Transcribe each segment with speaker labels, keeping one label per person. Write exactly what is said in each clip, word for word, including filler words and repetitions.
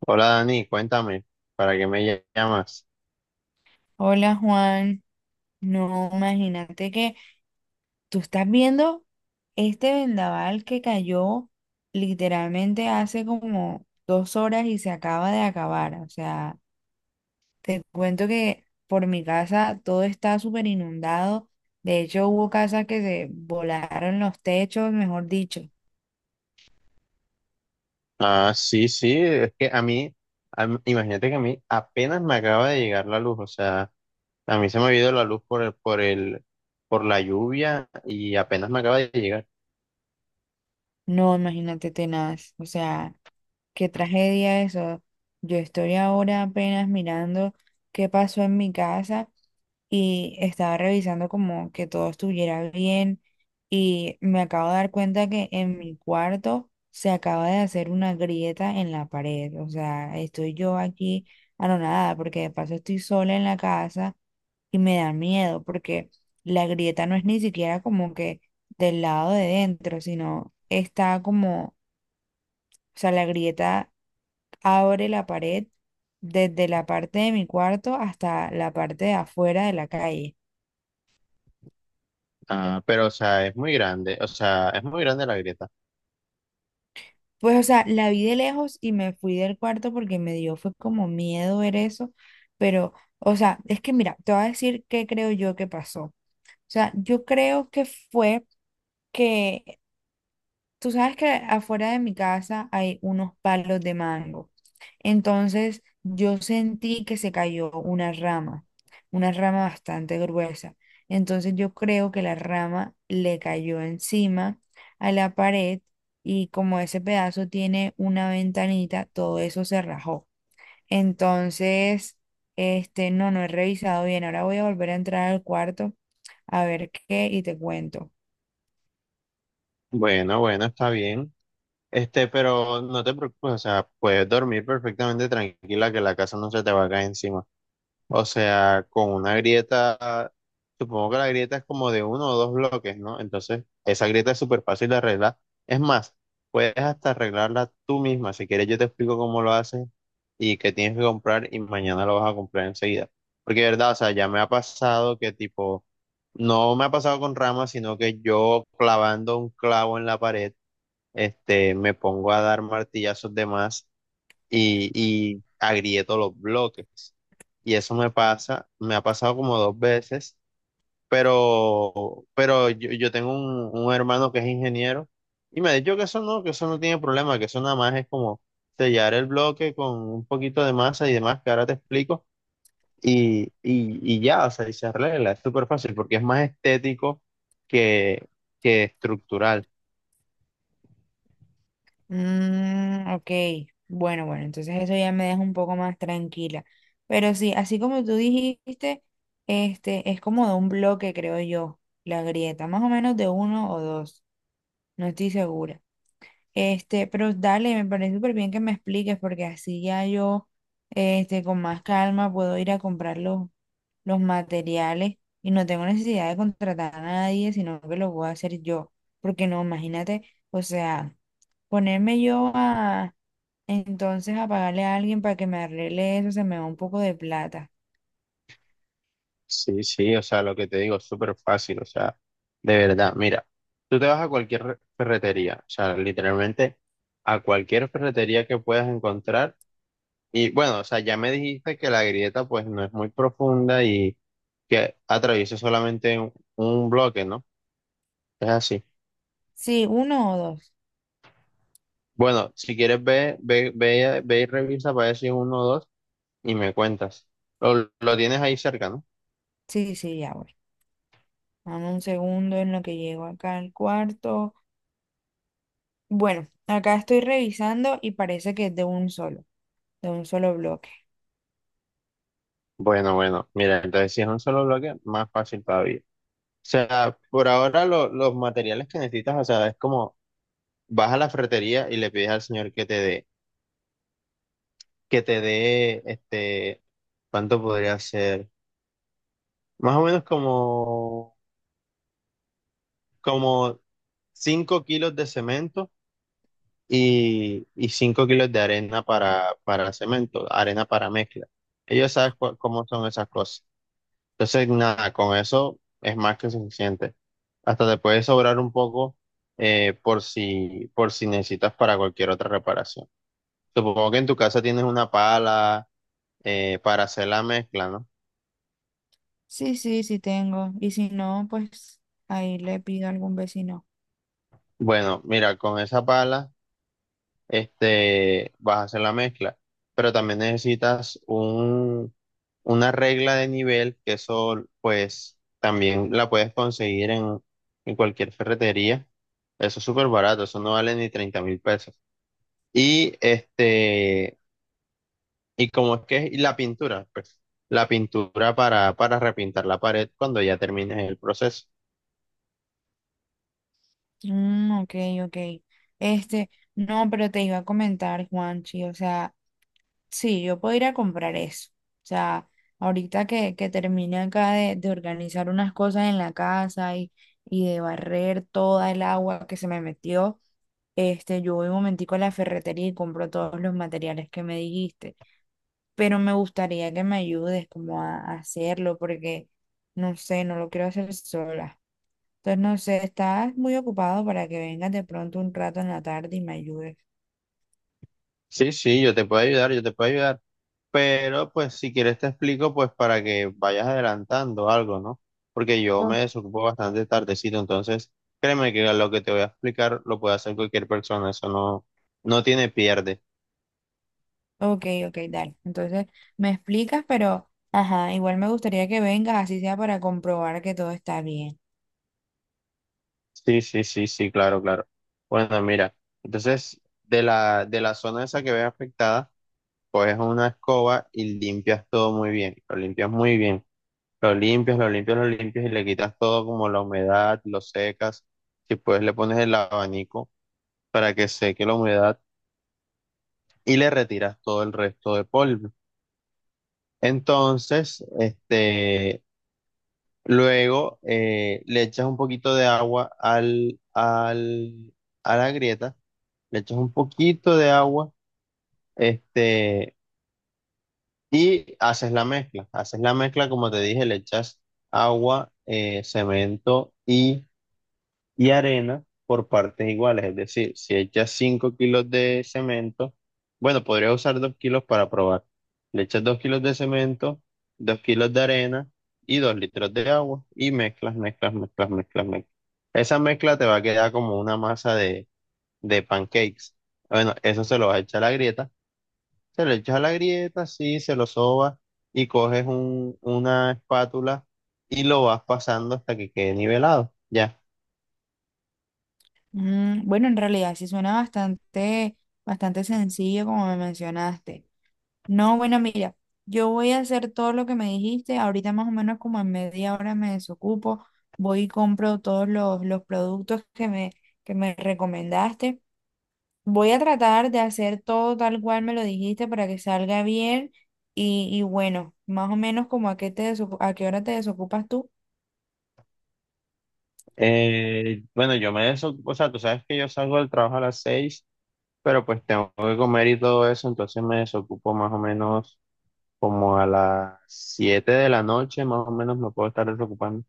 Speaker 1: Hola Dani, cuéntame, ¿para qué me llamas?
Speaker 2: Hola Juan, no, imagínate que tú estás viendo este vendaval que cayó literalmente hace como dos horas y se acaba de acabar. O sea, te cuento que por mi casa todo está súper inundado. De hecho, hubo casas que se volaron los techos, mejor dicho.
Speaker 1: Ah, sí, sí, es que a mí, a mí- imagínate que a mí apenas me acaba de llegar la luz, o sea, a mí se me ha ido la luz por el, por el, por la lluvia y apenas me acaba de llegar.
Speaker 2: No, imagínate tenaz. O sea, qué tragedia eso. Yo estoy ahora apenas mirando qué pasó en mi casa, y estaba revisando como que todo estuviera bien y me acabo de dar cuenta que en mi cuarto se acaba de hacer una grieta en la pared. O sea, estoy yo aquí anonadada porque de paso estoy sola en la casa y me da miedo porque la grieta no es ni siquiera como que del lado de dentro, sino está como, o sea, la grieta abre la pared desde la parte de mi cuarto hasta la parte de afuera de la calle.
Speaker 1: Ah, pero o sea, es muy grande, o sea, es muy grande la grieta.
Speaker 2: Pues, o sea, la vi de lejos y me fui del cuarto porque me dio, fue como miedo ver eso, pero, o sea, es que mira, te voy a decir qué creo yo que pasó. O sea, yo creo que fue que Tú sabes que afuera de mi casa hay unos palos de mango. Entonces yo sentí que se cayó una rama, una rama bastante gruesa. Entonces yo creo que la rama le cayó encima a la pared y como ese pedazo tiene una ventanita, todo eso se rajó. Entonces, este, no, no he revisado bien. Ahora voy a volver a entrar al cuarto a ver qué y te cuento.
Speaker 1: Bueno, bueno, está bien. Este, pero no te preocupes, o sea, puedes dormir perfectamente tranquila que la casa no se te va a caer encima. O sea, con una grieta, supongo que la grieta es como de uno o dos bloques, ¿no? Entonces, esa grieta es súper fácil de arreglar. Es más, puedes hasta arreglarla tú misma. Si quieres, yo te explico cómo lo haces y qué tienes que comprar y mañana lo vas a comprar enseguida. Porque, de verdad, o sea, ya me ha pasado que tipo, no me ha pasado con ramas, sino que yo clavando un clavo en la pared, este, me pongo a dar martillazos de más y, y agrieto los bloques. Y eso me pasa, me ha pasado como dos veces, pero, pero yo, yo tengo un, un hermano que es ingeniero y me ha dicho que eso no, que eso no tiene problema, que eso nada más es como sellar el bloque con un poquito de masa y demás, que ahora te explico, y, y, y ya, o sea, y se arregla, es súper fácil porque es más estético que, que estructural.
Speaker 2: Mm, ok, bueno, bueno, entonces eso ya me deja un poco más tranquila. Pero sí, así como tú dijiste, este es como de un bloque, creo yo, la grieta, más o menos de uno o dos, no estoy segura. Este, pero dale, me parece súper bien que me expliques, porque así ya yo, este, con más calma puedo ir a comprar los, los materiales y no tengo necesidad de contratar a nadie, sino que lo voy a hacer yo. Porque no, imagínate, o sea, ponerme yo a entonces, a pagarle a alguien para que me arregle eso, se me va un poco de plata.
Speaker 1: Sí, sí, o sea, lo que te digo es súper fácil, o sea, de verdad, mira, tú te vas a cualquier re- ferretería, o sea, literalmente a cualquier ferretería que puedas encontrar y bueno, o sea, ya me dijiste que la grieta pues no es muy profunda y que atraviesa solamente un, un bloque, ¿no? Es así.
Speaker 2: Sí, uno o dos.
Speaker 1: Bueno, si quieres ve, ve, ve, ve y revisa para decir uno o dos y me cuentas. Lo, lo tienes ahí cerca, ¿no?
Speaker 2: Sí, sí, ya voy. Dame un segundo en lo que llego acá al cuarto. Bueno, acá estoy revisando y parece que es de un solo, de un solo bloque.
Speaker 1: Bueno, bueno, mira, entonces si es un solo bloque, más fácil todavía. O sea, por ahora lo- los materiales que necesitas, o sea, es como vas a la ferretería y le pides al señor que te dé, que te dé, este, ¿cuánto podría ser? Más o menos como, como cinco kilos de cemento y, y cinco kilos de arena para, para cemento, arena para mezcla. Ellos saben cua- cómo son esas cosas. Entonces, nada, con eso es más que suficiente. Hasta te puede sobrar un poco eh, por si, por si necesitas para cualquier otra reparación. Supongo que en tu casa tienes una pala eh, para hacer la mezcla, ¿no?
Speaker 2: Sí, sí, sí tengo. Y si no, pues ahí le pido a algún vecino.
Speaker 1: Bueno, mira, con esa pala este, vas a hacer la mezcla, pero también necesitas un, una regla de nivel, que eso pues también la puedes conseguir en, en cualquier ferretería. Eso es súper barato, eso no vale ni treinta mil pesos. Y este, y como es que y la pintura, pues, la pintura para, para repintar la pared cuando ya termines el proceso.
Speaker 2: Mm, ok, ok. Este, no, pero te iba a comentar, Juanchi, o sea. Sí, yo puedo ir a comprar eso. O sea, ahorita que, que termine acá de, de organizar unas cosas en la casa y, y de barrer toda el agua que se me metió, este, yo voy un momentico a la ferretería y compro todos los materiales que me dijiste. Pero me gustaría que me ayudes como a, a hacerlo porque, no sé, no lo quiero hacer sola. Entonces, no sé, estás muy ocupado para que vengas de pronto un rato en la tarde y me ayudes.
Speaker 1: Sí, sí, yo te puedo ayudar, yo te puedo ayudar, pero pues si quieres te explico pues para que vayas adelantando algo, ¿no? Porque yo me desocupo bastante tardecito, entonces créeme que lo que te voy a explicar lo puede hacer cualquier persona, eso no, no tiene pierde.
Speaker 2: Ok, ok, dale. Entonces me explicas, pero ajá, igual me gustaría que vengas, así sea para comprobar que todo está bien.
Speaker 1: Sí, sí, sí, sí, claro, claro. Bueno, mira, entonces de la, de la zona esa que ves afectada, coges una escoba y limpias todo muy bien, lo limpias muy bien, lo limpias, lo limpias, lo limpias y le quitas todo como la humedad, lo secas, si puedes le pones el abanico para que seque la humedad y le retiras todo el resto de polvo. Entonces, este, luego eh, le echas un poquito de agua al, al, a la grieta, le echas un poquito de agua, este y haces la mezcla. Haces la mezcla, como te dije, le echas agua, eh, cemento y, y arena por partes iguales. Es decir, si echas cinco kilos de cemento, bueno, podría usar dos kilos para probar. Le echas dos kilos de cemento, dos kilos de arena y dos litros de agua y mezclas, mezclas, mezclas, mezclas, mezclas. Esa mezcla te va a quedar como una masa de, de pancakes. Bueno, eso se lo vas a echar a la grieta se le echas a la grieta, sí, se lo sobas y coges un- una espátula y lo vas pasando hasta que quede nivelado. Ya.
Speaker 2: Mm, bueno, en realidad sí suena bastante, bastante sencillo como me mencionaste. No, bueno, mira, yo voy a hacer todo lo que me dijiste. Ahorita más o menos como en media hora me desocupo. Voy y compro todos los, los productos que me, que me recomendaste. Voy a tratar de hacer todo tal cual me lo dijiste para que salga bien y, y bueno, más o menos como a qué te desocu- a qué hora te desocupas tú.
Speaker 1: Eh, bueno, yo me desocupo, o sea, tú sabes que yo salgo del trabajo a las seis, pero pues tengo que comer y todo eso, entonces me desocupo más o menos como a las siete de la noche, más o menos me puedo estar desocupando.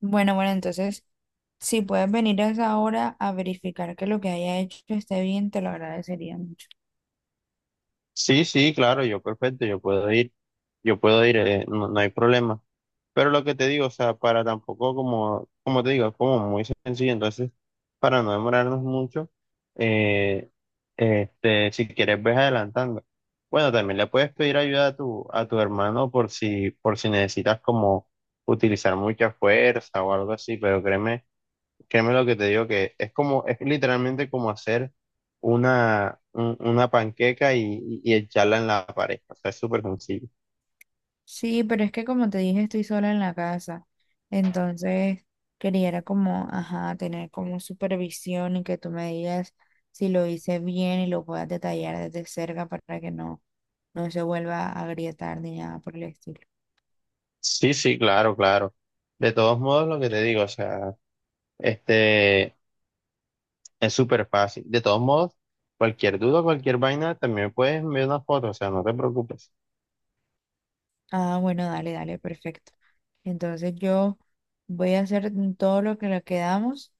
Speaker 2: Bueno, bueno, entonces si puedes venir a esa hora a verificar que lo que haya hecho esté bien, te lo agradecería mucho.
Speaker 1: Sí, sí, claro, yo perfecto, yo puedo ir, yo puedo ir, eh, no, no hay problema. Pero lo que te digo, o sea, para tampoco como, como te digo, es como muy sencillo, entonces, para no demorarnos mucho, eh, este, si quieres ves adelantando. Bueno, también le puedes pedir ayuda a tu, a tu hermano por si, por si necesitas como utilizar mucha fuerza o algo así, pero créeme Créeme lo que te digo que es como, es literalmente como hacer una, un- una panqueca y, y echarla en la pared. O sea, es súper sencillo.
Speaker 2: Sí, pero es que como te dije, estoy sola en la casa, entonces quería era como, ajá, tener como supervisión y que tú me digas si lo hice bien y lo puedas detallar desde cerca para que no no se vuelva a agrietar ni nada por el estilo.
Speaker 1: Sí, sí, claro, claro. De todos modos, lo que te digo, o sea, este, es súper fácil. De todos modos, cualquier duda, cualquier vaina, también puedes enviar una foto, o sea, no te preocupes.
Speaker 2: Ah, bueno, dale, dale, perfecto. Entonces yo voy a hacer todo lo que le quedamos,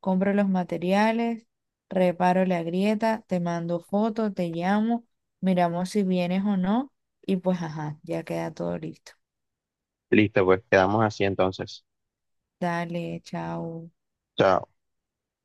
Speaker 2: compro los materiales, reparo la grieta, te mando fotos, te llamo, miramos si vienes o no y pues ajá, ya queda todo listo.
Speaker 1: Listo, pues quedamos así entonces.
Speaker 2: Dale, chao.
Speaker 1: Chao.